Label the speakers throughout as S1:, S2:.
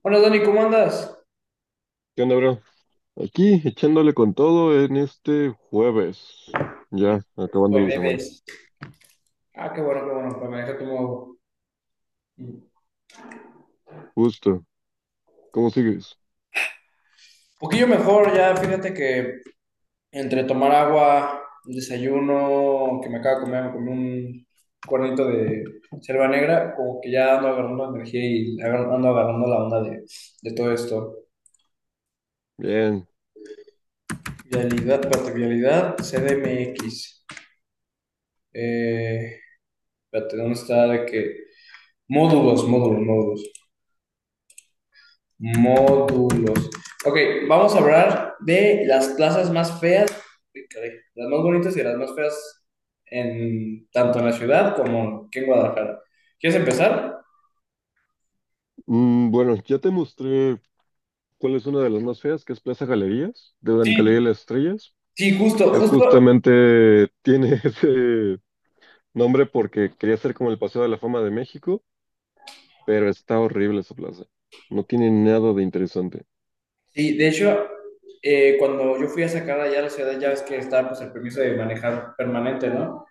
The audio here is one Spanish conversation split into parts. S1: Hola Dani, ¿cómo andas?
S2: ¿Qué onda, bro? Aquí echándole con todo en este jueves. Ya, acabando la semana.
S1: Jueves. Ah, qué bueno, pues me deja como un
S2: Justo. ¿Cómo sigues?
S1: poquillo mejor ya, fíjate que entre tomar agua, un desayuno, que me acabo de comer, me comí un cuernito de selva negra, como que ya ando agarrando energía y ando agarrando la onda de todo esto.
S2: Bien.
S1: Vialidad, parte vialidad, CDMX. Eh, espérate, ¿dónde está? De que módulos, módulos, módulos. módulos. Ok, vamos a hablar de las plazas más feas, las más bonitas y las más feas, en, tanto en la ciudad como aquí en Guadalajara. ¿Quieres empezar?
S2: Bueno, ya te mostré cuál es una de las más feas, que es Plaza Galerías, de la Galería de
S1: Sí,
S2: las Estrellas.
S1: sí, justo,
S2: Es
S1: justo.
S2: justamente, tiene ese nombre porque quería ser como el Paseo de la Fama de México, pero está horrible esa plaza. No tiene nada de interesante.
S1: Sí, de hecho, cuando yo fui a sacar allá a la ciudad, ya ves que está pues, el permiso de manejar permanente, ¿no?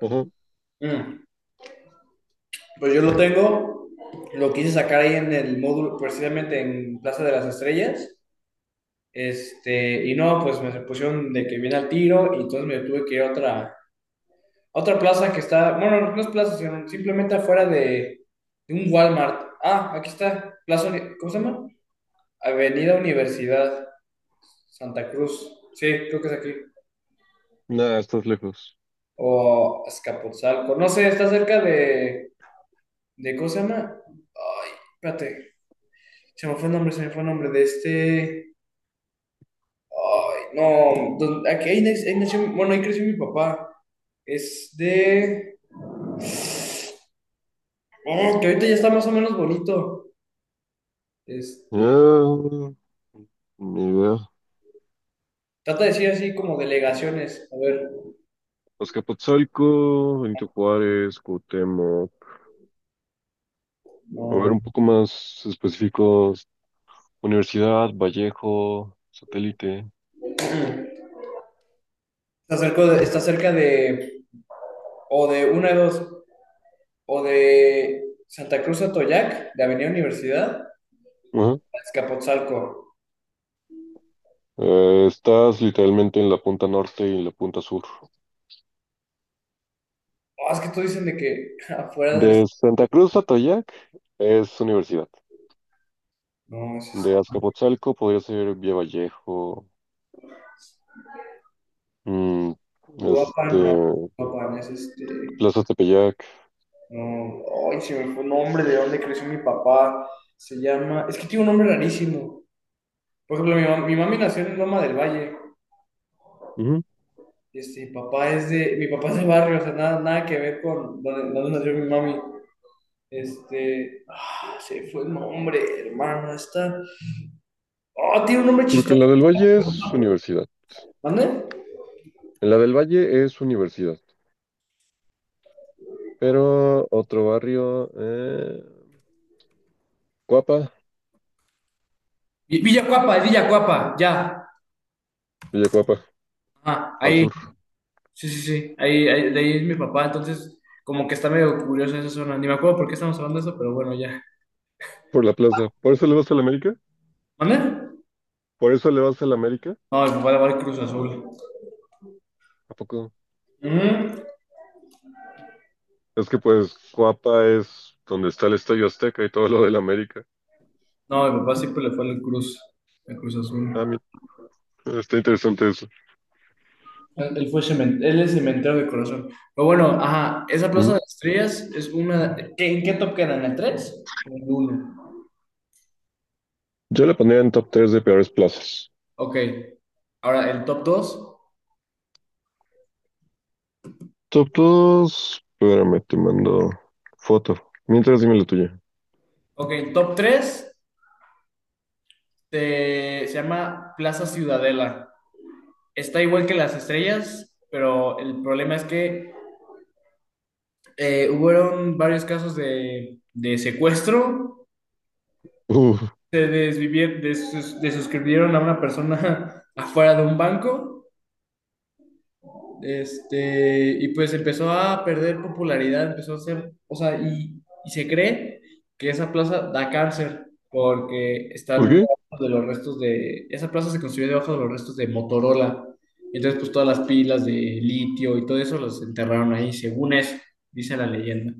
S2: Ajá.
S1: Mm, pues yo lo tengo, lo quise sacar ahí en el módulo, precisamente en Plaza de las Estrellas. Este, y no, pues me pusieron de que viene al tiro y entonces me tuve que ir a otra plaza que está, bueno, no es plaza, sino simplemente afuera de un Walmart. Ah, aquí está, plaza, ¿cómo se llama? Avenida Universidad Santa Cruz. Sí, creo que es aquí.
S2: Nada, estás lejos.
S1: O Azcapotzalco. No sé, está cerca de ¿cómo se llama? Ay, espérate, se me fue el nombre, se me fue el nombre de este. Ay, no, ahí nació, bueno, ahí creció mi papá. Es de. Oh, que ahorita ya está más o menos bonito. Este,
S2: Ah, ni idea.
S1: trata de decir así como delegaciones. A ver,
S2: Azcapotzalco, Benito Juárez, Cuauhtémoc. A ver,
S1: no.
S2: un poco más específicos. Universidad, Vallejo, Satélite.
S1: Está cerca de, o de una de dos, o de Santa Cruz Atoyac, de Avenida Universidad, a
S2: Ajá.
S1: Azcapotzalco.
S2: Estás literalmente en la punta norte y en la punta sur.
S1: Oh, es que todos dicen de que afuera de la.
S2: De Santa Cruz a Atoyac es universidad.
S1: No, es este,
S2: De Azcapotzalco podría ser Vía Vallejo, mm,
S1: Uruapan, no,
S2: este,
S1: Uruapan, es este.
S2: Plaza Tepeyac.
S1: No, ay, se me fue el nombre de dónde creció mi papá. Se llama, es que tiene un nombre rarísimo. Por ejemplo, mi mami nació en Loma del Valle.
S2: Ujú.
S1: Este, mi papá es de barrio, o sea, nada, nada que ver con donde nació mi mami. Este, ah, se fue el nombre, hermano, está. Oh, tiene un nombre
S2: Porque en la
S1: chistoso.
S2: del Valle es universidad.
S1: ¿Mande?
S2: En la del Valle es universidad. Pero otro barrio, Cuapa,
S1: Villacuapa, es Villacuapa, ya.
S2: Villacuapa,
S1: Ah,
S2: al
S1: ahí,
S2: sur,
S1: sí, sí, sí, ahí, ahí, de ahí es mi papá, entonces como que está medio curioso esa zona. Ni me acuerdo por qué estamos hablando de eso, pero bueno, ya.
S2: por la plaza. ¿Por eso le vas a la América?
S1: ¿Mande?
S2: ¿Por eso le vas a la América?
S1: No, mi papá le va al Cruz Azul.
S2: ¿A poco?
S1: Ujú.
S2: Es que pues Cuapa es donde está el Estadio Azteca y todo lo de la América.
S1: No, mi papá siempre le fue al Cruz Azul.
S2: Ah, mira, está interesante eso.
S1: Él fue él es cementero de corazón. Pero bueno, ajá, esa Plaza
S2: Ujú.
S1: de Estrellas es una. ¿Qué- ¿En qué top quedan? ¿En la 3? En el uno.
S2: Yo la pondría en top tres de peores plazas.
S1: Ok. Ahora, el top dos.
S2: Top 2, espérame, te mando foto. Mientras dime la tuya.
S1: Ok, top 3. Este, se llama Plaza Ciudadela. Está igual que las estrellas, pero el problema es que hubieron varios casos de secuestro,
S2: Uf,
S1: se desvivieron, desuscribieron a una persona afuera de un banco, este, y pues empezó a perder popularidad, empezó a ser, o sea, y se cree que esa plaza da cáncer porque
S2: ¿por
S1: están
S2: qué?
S1: debajo de los restos de, esa plaza se construyó debajo de los restos de Motorola, entonces pues todas las pilas de litio y todo eso los enterraron ahí, según eso, dice la leyenda.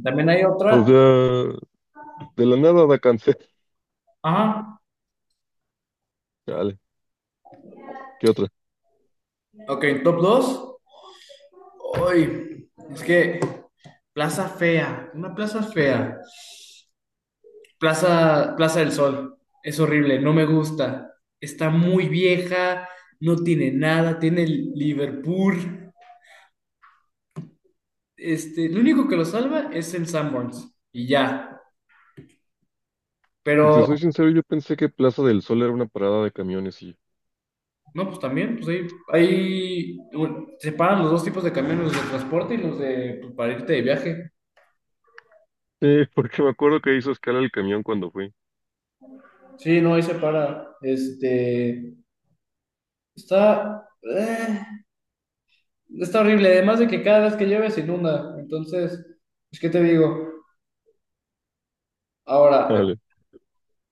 S1: También hay
S2: O
S1: otra,
S2: sea, de la nada da cáncer.
S1: ajá,
S2: Dale, ¿qué otra?
S1: ok, top 2, hoy es que Plaza fea, una plaza fea. Plaza, Plaza del Sol. Es horrible, no me gusta. Está muy vieja, no tiene nada, tiene el Liverpool. Este, lo único que lo salva es el Sanborns y ya.
S2: Si te
S1: Pero,
S2: soy sincero, yo pensé que Plaza del Sol era una parada de camiones y
S1: no, pues también, pues ahí, ahí bueno, separan los dos tipos de camiones, los de transporte y los de pues, para irte de viaje.
S2: sí, porque me acuerdo que hizo escala el camión cuando fui.
S1: Sí, no, ahí separa. Este, está. Está horrible, además de que cada vez que llueve se inunda. Entonces, pues, ¿qué te digo? Ahora,
S2: Dale.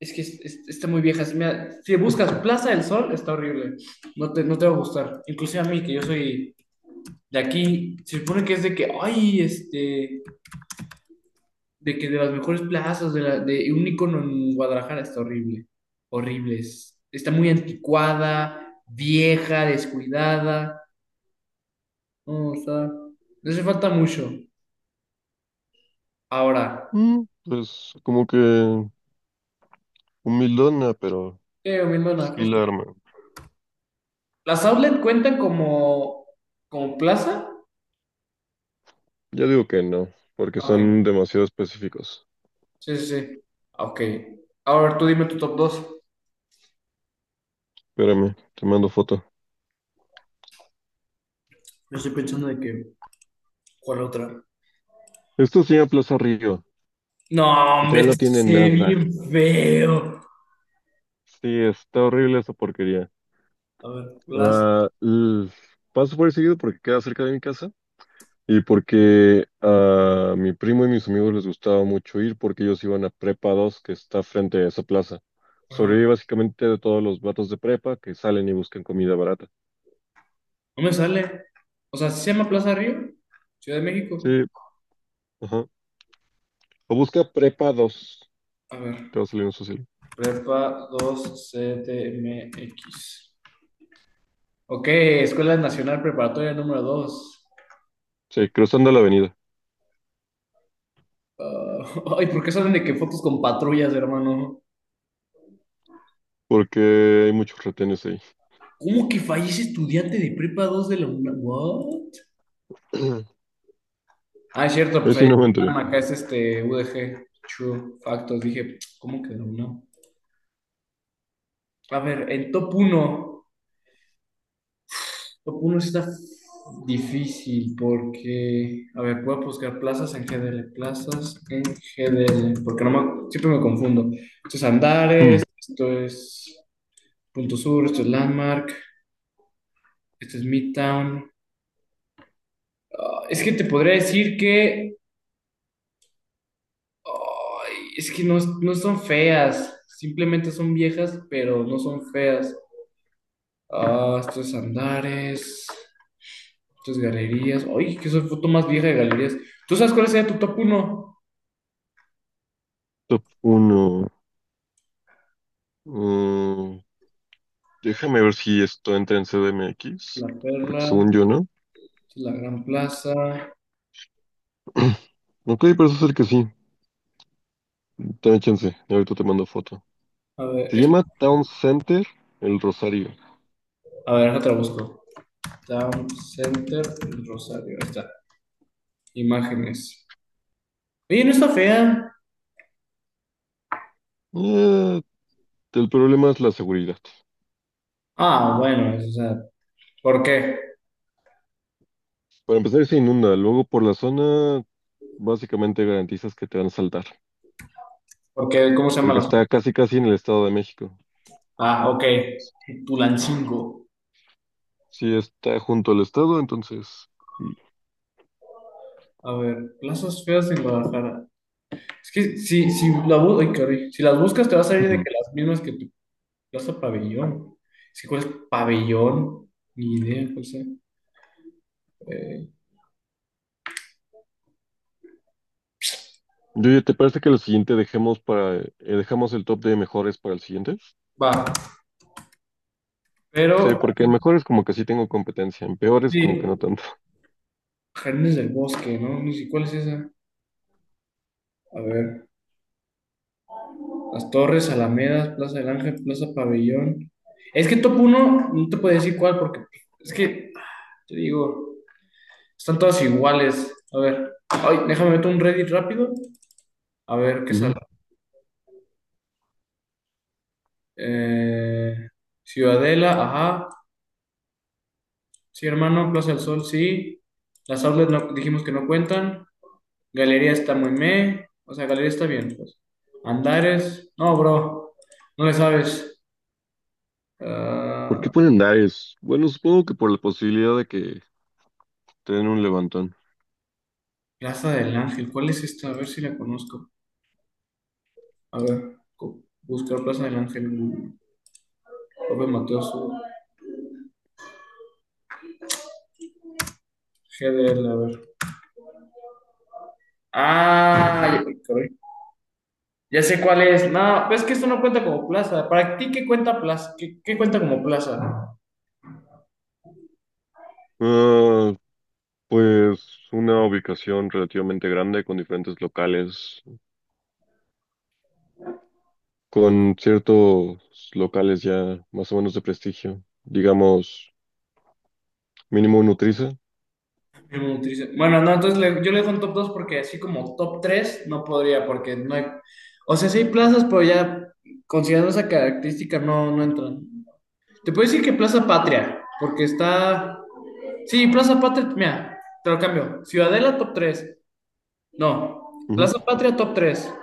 S1: es que está muy vieja. Si, mira, si buscas Plaza del Sol, está horrible. No te va a gustar. Inclusive a mí, que yo soy de aquí, se supone que es de que, ay, este, de que de las mejores plazas, de, la- de un icono en Guadalajara, está horrible. Horrible. Está muy anticuada, vieja, descuidada. No, o sea, le hace falta mucho. Ahora,
S2: Mm, pues como que humildona, pero
S1: mi hermana,
S2: sí
S1: justo.
S2: la arma.
S1: ¿Las outlet cuentan como, como plaza?
S2: Ya digo que no, porque
S1: Ok,
S2: son demasiado específicos.
S1: sí, sí, sí. Ok. Ahora tú dime tu top 2.
S2: Espérame, te mando foto.
S1: Yo estoy pensando de que, ¿cuál otra?
S2: Esto se llama Plaza Río.
S1: No, hombre,
S2: Literal
S1: esto
S2: no tiene
S1: se ve bien
S2: nada.
S1: feo.
S2: Sí, está horrible esa porquería.
S1: A ver, Plaza.
S2: Ah, l- Paso por ahí seguido porque queda cerca de mi casa. Y porque a mi primo y mis amigos les gustaba mucho ir porque ellos iban a Prepa Dos que está frente a esa plaza.
S1: Ajá.
S2: Sobrevive básicamente de todos los vatos de prepa que salen y buscan comida barata.
S1: No me sale. O sea, ¿sí se llama Plaza Río? Ciudad de México.
S2: Sí, ajá. O busca Prepa Dos.
S1: A ver.
S2: Te va a salir un social.
S1: Prepa 2 X. Ok, Escuela Nacional Preparatoria número dos.
S2: Sí, cruzando la avenida.
S1: Ah, ay, ¿por qué salen de que fotos con patrullas, hermano?
S2: Porque hay muchos retenes ahí.
S1: ¿Cómo que fallece estudiante de prepa 2 de la UNAM? ¿What? Ah, es cierto,
S2: Ahí
S1: pues allá
S2: sí no me
S1: en
S2: enteré.
S1: Tama, acá es este UDG, True Factos. Dije, ¿cómo que de la UNAM? A ver, el top uno, top uno está difícil porque, a ver, voy a buscar plazas en GDL, plazas en GDL, porque no me- siempre me confundo. Esto es Andares,
S2: Mm,
S1: esto es Punto Sur, esto es Landmark, esto es Midtown. Ah, es que te podría decir que es que no, no son feas, simplemente son viejas, pero no son feas. Ah, estos andares, estas galerías. Ay, que soy foto más vieja de galerías. ¿Tú sabes cuál sería tu top 1?
S2: top 1. Déjame ver si esto entra en
S1: La
S2: CDMX. Porque
S1: Perla,
S2: según yo no.
S1: la Gran Plaza.
S2: Ok, parece ser que sí. Ten chance, y ahorita te mando foto.
S1: A ver,
S2: Se
S1: esta-
S2: llama Town Center El Rosario.
S1: a ver, otra busco. Town Center, el Rosario. Ahí está. Imágenes. Oye, no está fea.
S2: Eh, el problema es la seguridad.
S1: Ah, bueno, o sea, ¿por qué?
S2: Para empezar, se inunda. Luego, por la zona, básicamente garantizas que te van a saltar.
S1: Porque, ¿cómo se llama
S2: Porque
S1: las?
S2: está casi, casi en el Estado de México.
S1: Ah, ok. Tulancingo.
S2: Sí, está junto al Estado, entonces.
S1: A ver, plazas feas en Guadalajara. Es que si, la, ay, caray. Si las buscas te va a salir de
S2: Ujú.
S1: que las mismas que tu plaza pabellón. Es que cuál es pabellón, ni idea, no sé. Eh,
S2: Yo, ¿te parece que lo siguiente dejemos para, dejamos el top de mejores para el siguiente?
S1: va,
S2: Sí,
S1: pero
S2: porque en mejores como que sí tengo competencia, en peores como que no
S1: sí,
S2: tanto.
S1: Jardines del Bosque, ¿no? Ni si cuál es esa. A ver, Las Torres, Alamedas, Plaza del Ángel, Plaza Pabellón. Es que top uno no te puedo decir cuál porque es que, te digo, están todas iguales. A ver, ay, déjame meter un Reddit rápido. A ver qué sale.
S2: Ujú.
S1: Eh, Ciudadela, ajá. Sí, hermano. Plaza del Sol, sí. Las outlets no, dijimos que no cuentan. Galería está muy meh. O sea, Galería está bien, pues. Andares. No, bro. No le sabes.
S2: ¿Por qué
S1: Ah,
S2: ponen Dares? Bueno, supongo que por la posibilidad de que te den un levantón.
S1: Plaza del Ángel. ¿Cuál es esta? A ver si la conozco. A ver. Buscar Plaza del Ángel. López Mateos. GDL, a ver. Ah, ya sé cuál es. No, pues es que esto no cuenta como plaza. ¿Para ti qué cuenta plaza? ¿Qué, qué cuenta como plaza?
S2: Ah, pues una ubicación relativamente grande con diferentes locales, con ciertos locales ya más o menos de prestigio. Digamos, mínimo Nutriza.
S1: Nutrición. Bueno, no, entonces le- yo le dejo un top 2 porque así como top 3 no podría, porque no hay. O sea, sí hay plazas, pero ya considerando esa característica no, no entran. Te puedo decir que Plaza Patria, porque está. Sí, Plaza Patria, mira, te lo cambio. Ciudadela top 3. No,
S2: Ujú,
S1: Plaza Patria top 3.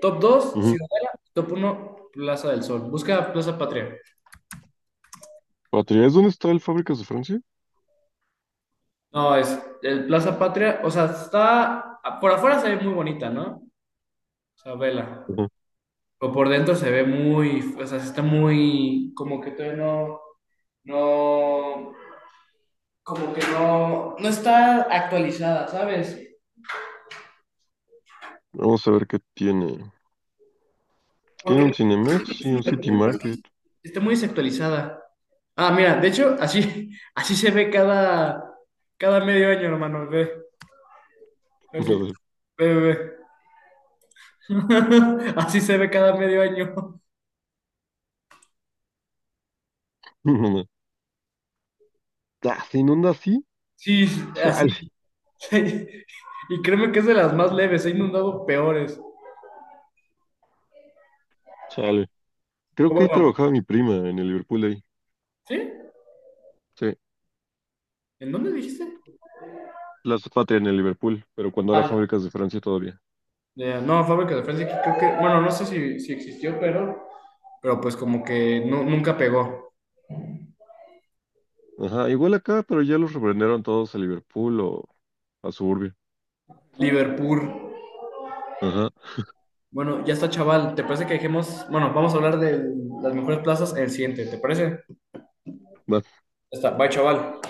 S1: Top dos,
S2: ujú.
S1: Ciudadela, top uno, Plaza del Sol. Busca Plaza Patria.
S2: Patria, ¿es dónde está el Fábricas de Francia?
S1: No, es el Plaza Patria, o sea, está, por afuera se ve muy bonita, ¿no? O sea, vela.
S2: Ujú.
S1: Pero por dentro se ve muy, o sea, está muy, como que todavía no, no, como que no está actualizada, ¿sabes?
S2: Vamos a ver qué tiene. Tiene
S1: Porque
S2: un Cinemex y un City
S1: Liverpool, pues,
S2: Market.
S1: está muy desactualizada. Ah, mira, de hecho, así, así se ve cada medio año, hermano, ve, a ver
S2: A
S1: si-
S2: ver.
S1: ve, ve, ve. Así se ve cada medio año.
S2: Ah, ¿se inunda así?
S1: Sí, así.
S2: Chale,
S1: Sí. Y créeme que es de las más leves, he inundado peores.
S2: chale. Creo
S1: O
S2: que ahí
S1: bueno,
S2: trabajaba mi prima en el Liverpool ahí.
S1: ¿sí?
S2: Sí,
S1: ¿En dónde dijiste?
S2: la Patria en el Liverpool, pero cuando era
S1: Ah,
S2: Fábricas de Francia todavía.
S1: ya. No, fábrica de Francia, que creo que, bueno, no sé si existió, pero pues como que no, nunca pegó.
S2: Ajá, igual acá, pero ya los reprendieron todos a Liverpool o a Suburbia.
S1: Liverpool.
S2: Ajá.
S1: Bueno, ya está, chaval. ¿Te parece que dejemos? Bueno, vamos a hablar de las mejores plazas en el siguiente, ¿te parece?
S2: Va.
S1: Ya está, bye, chaval.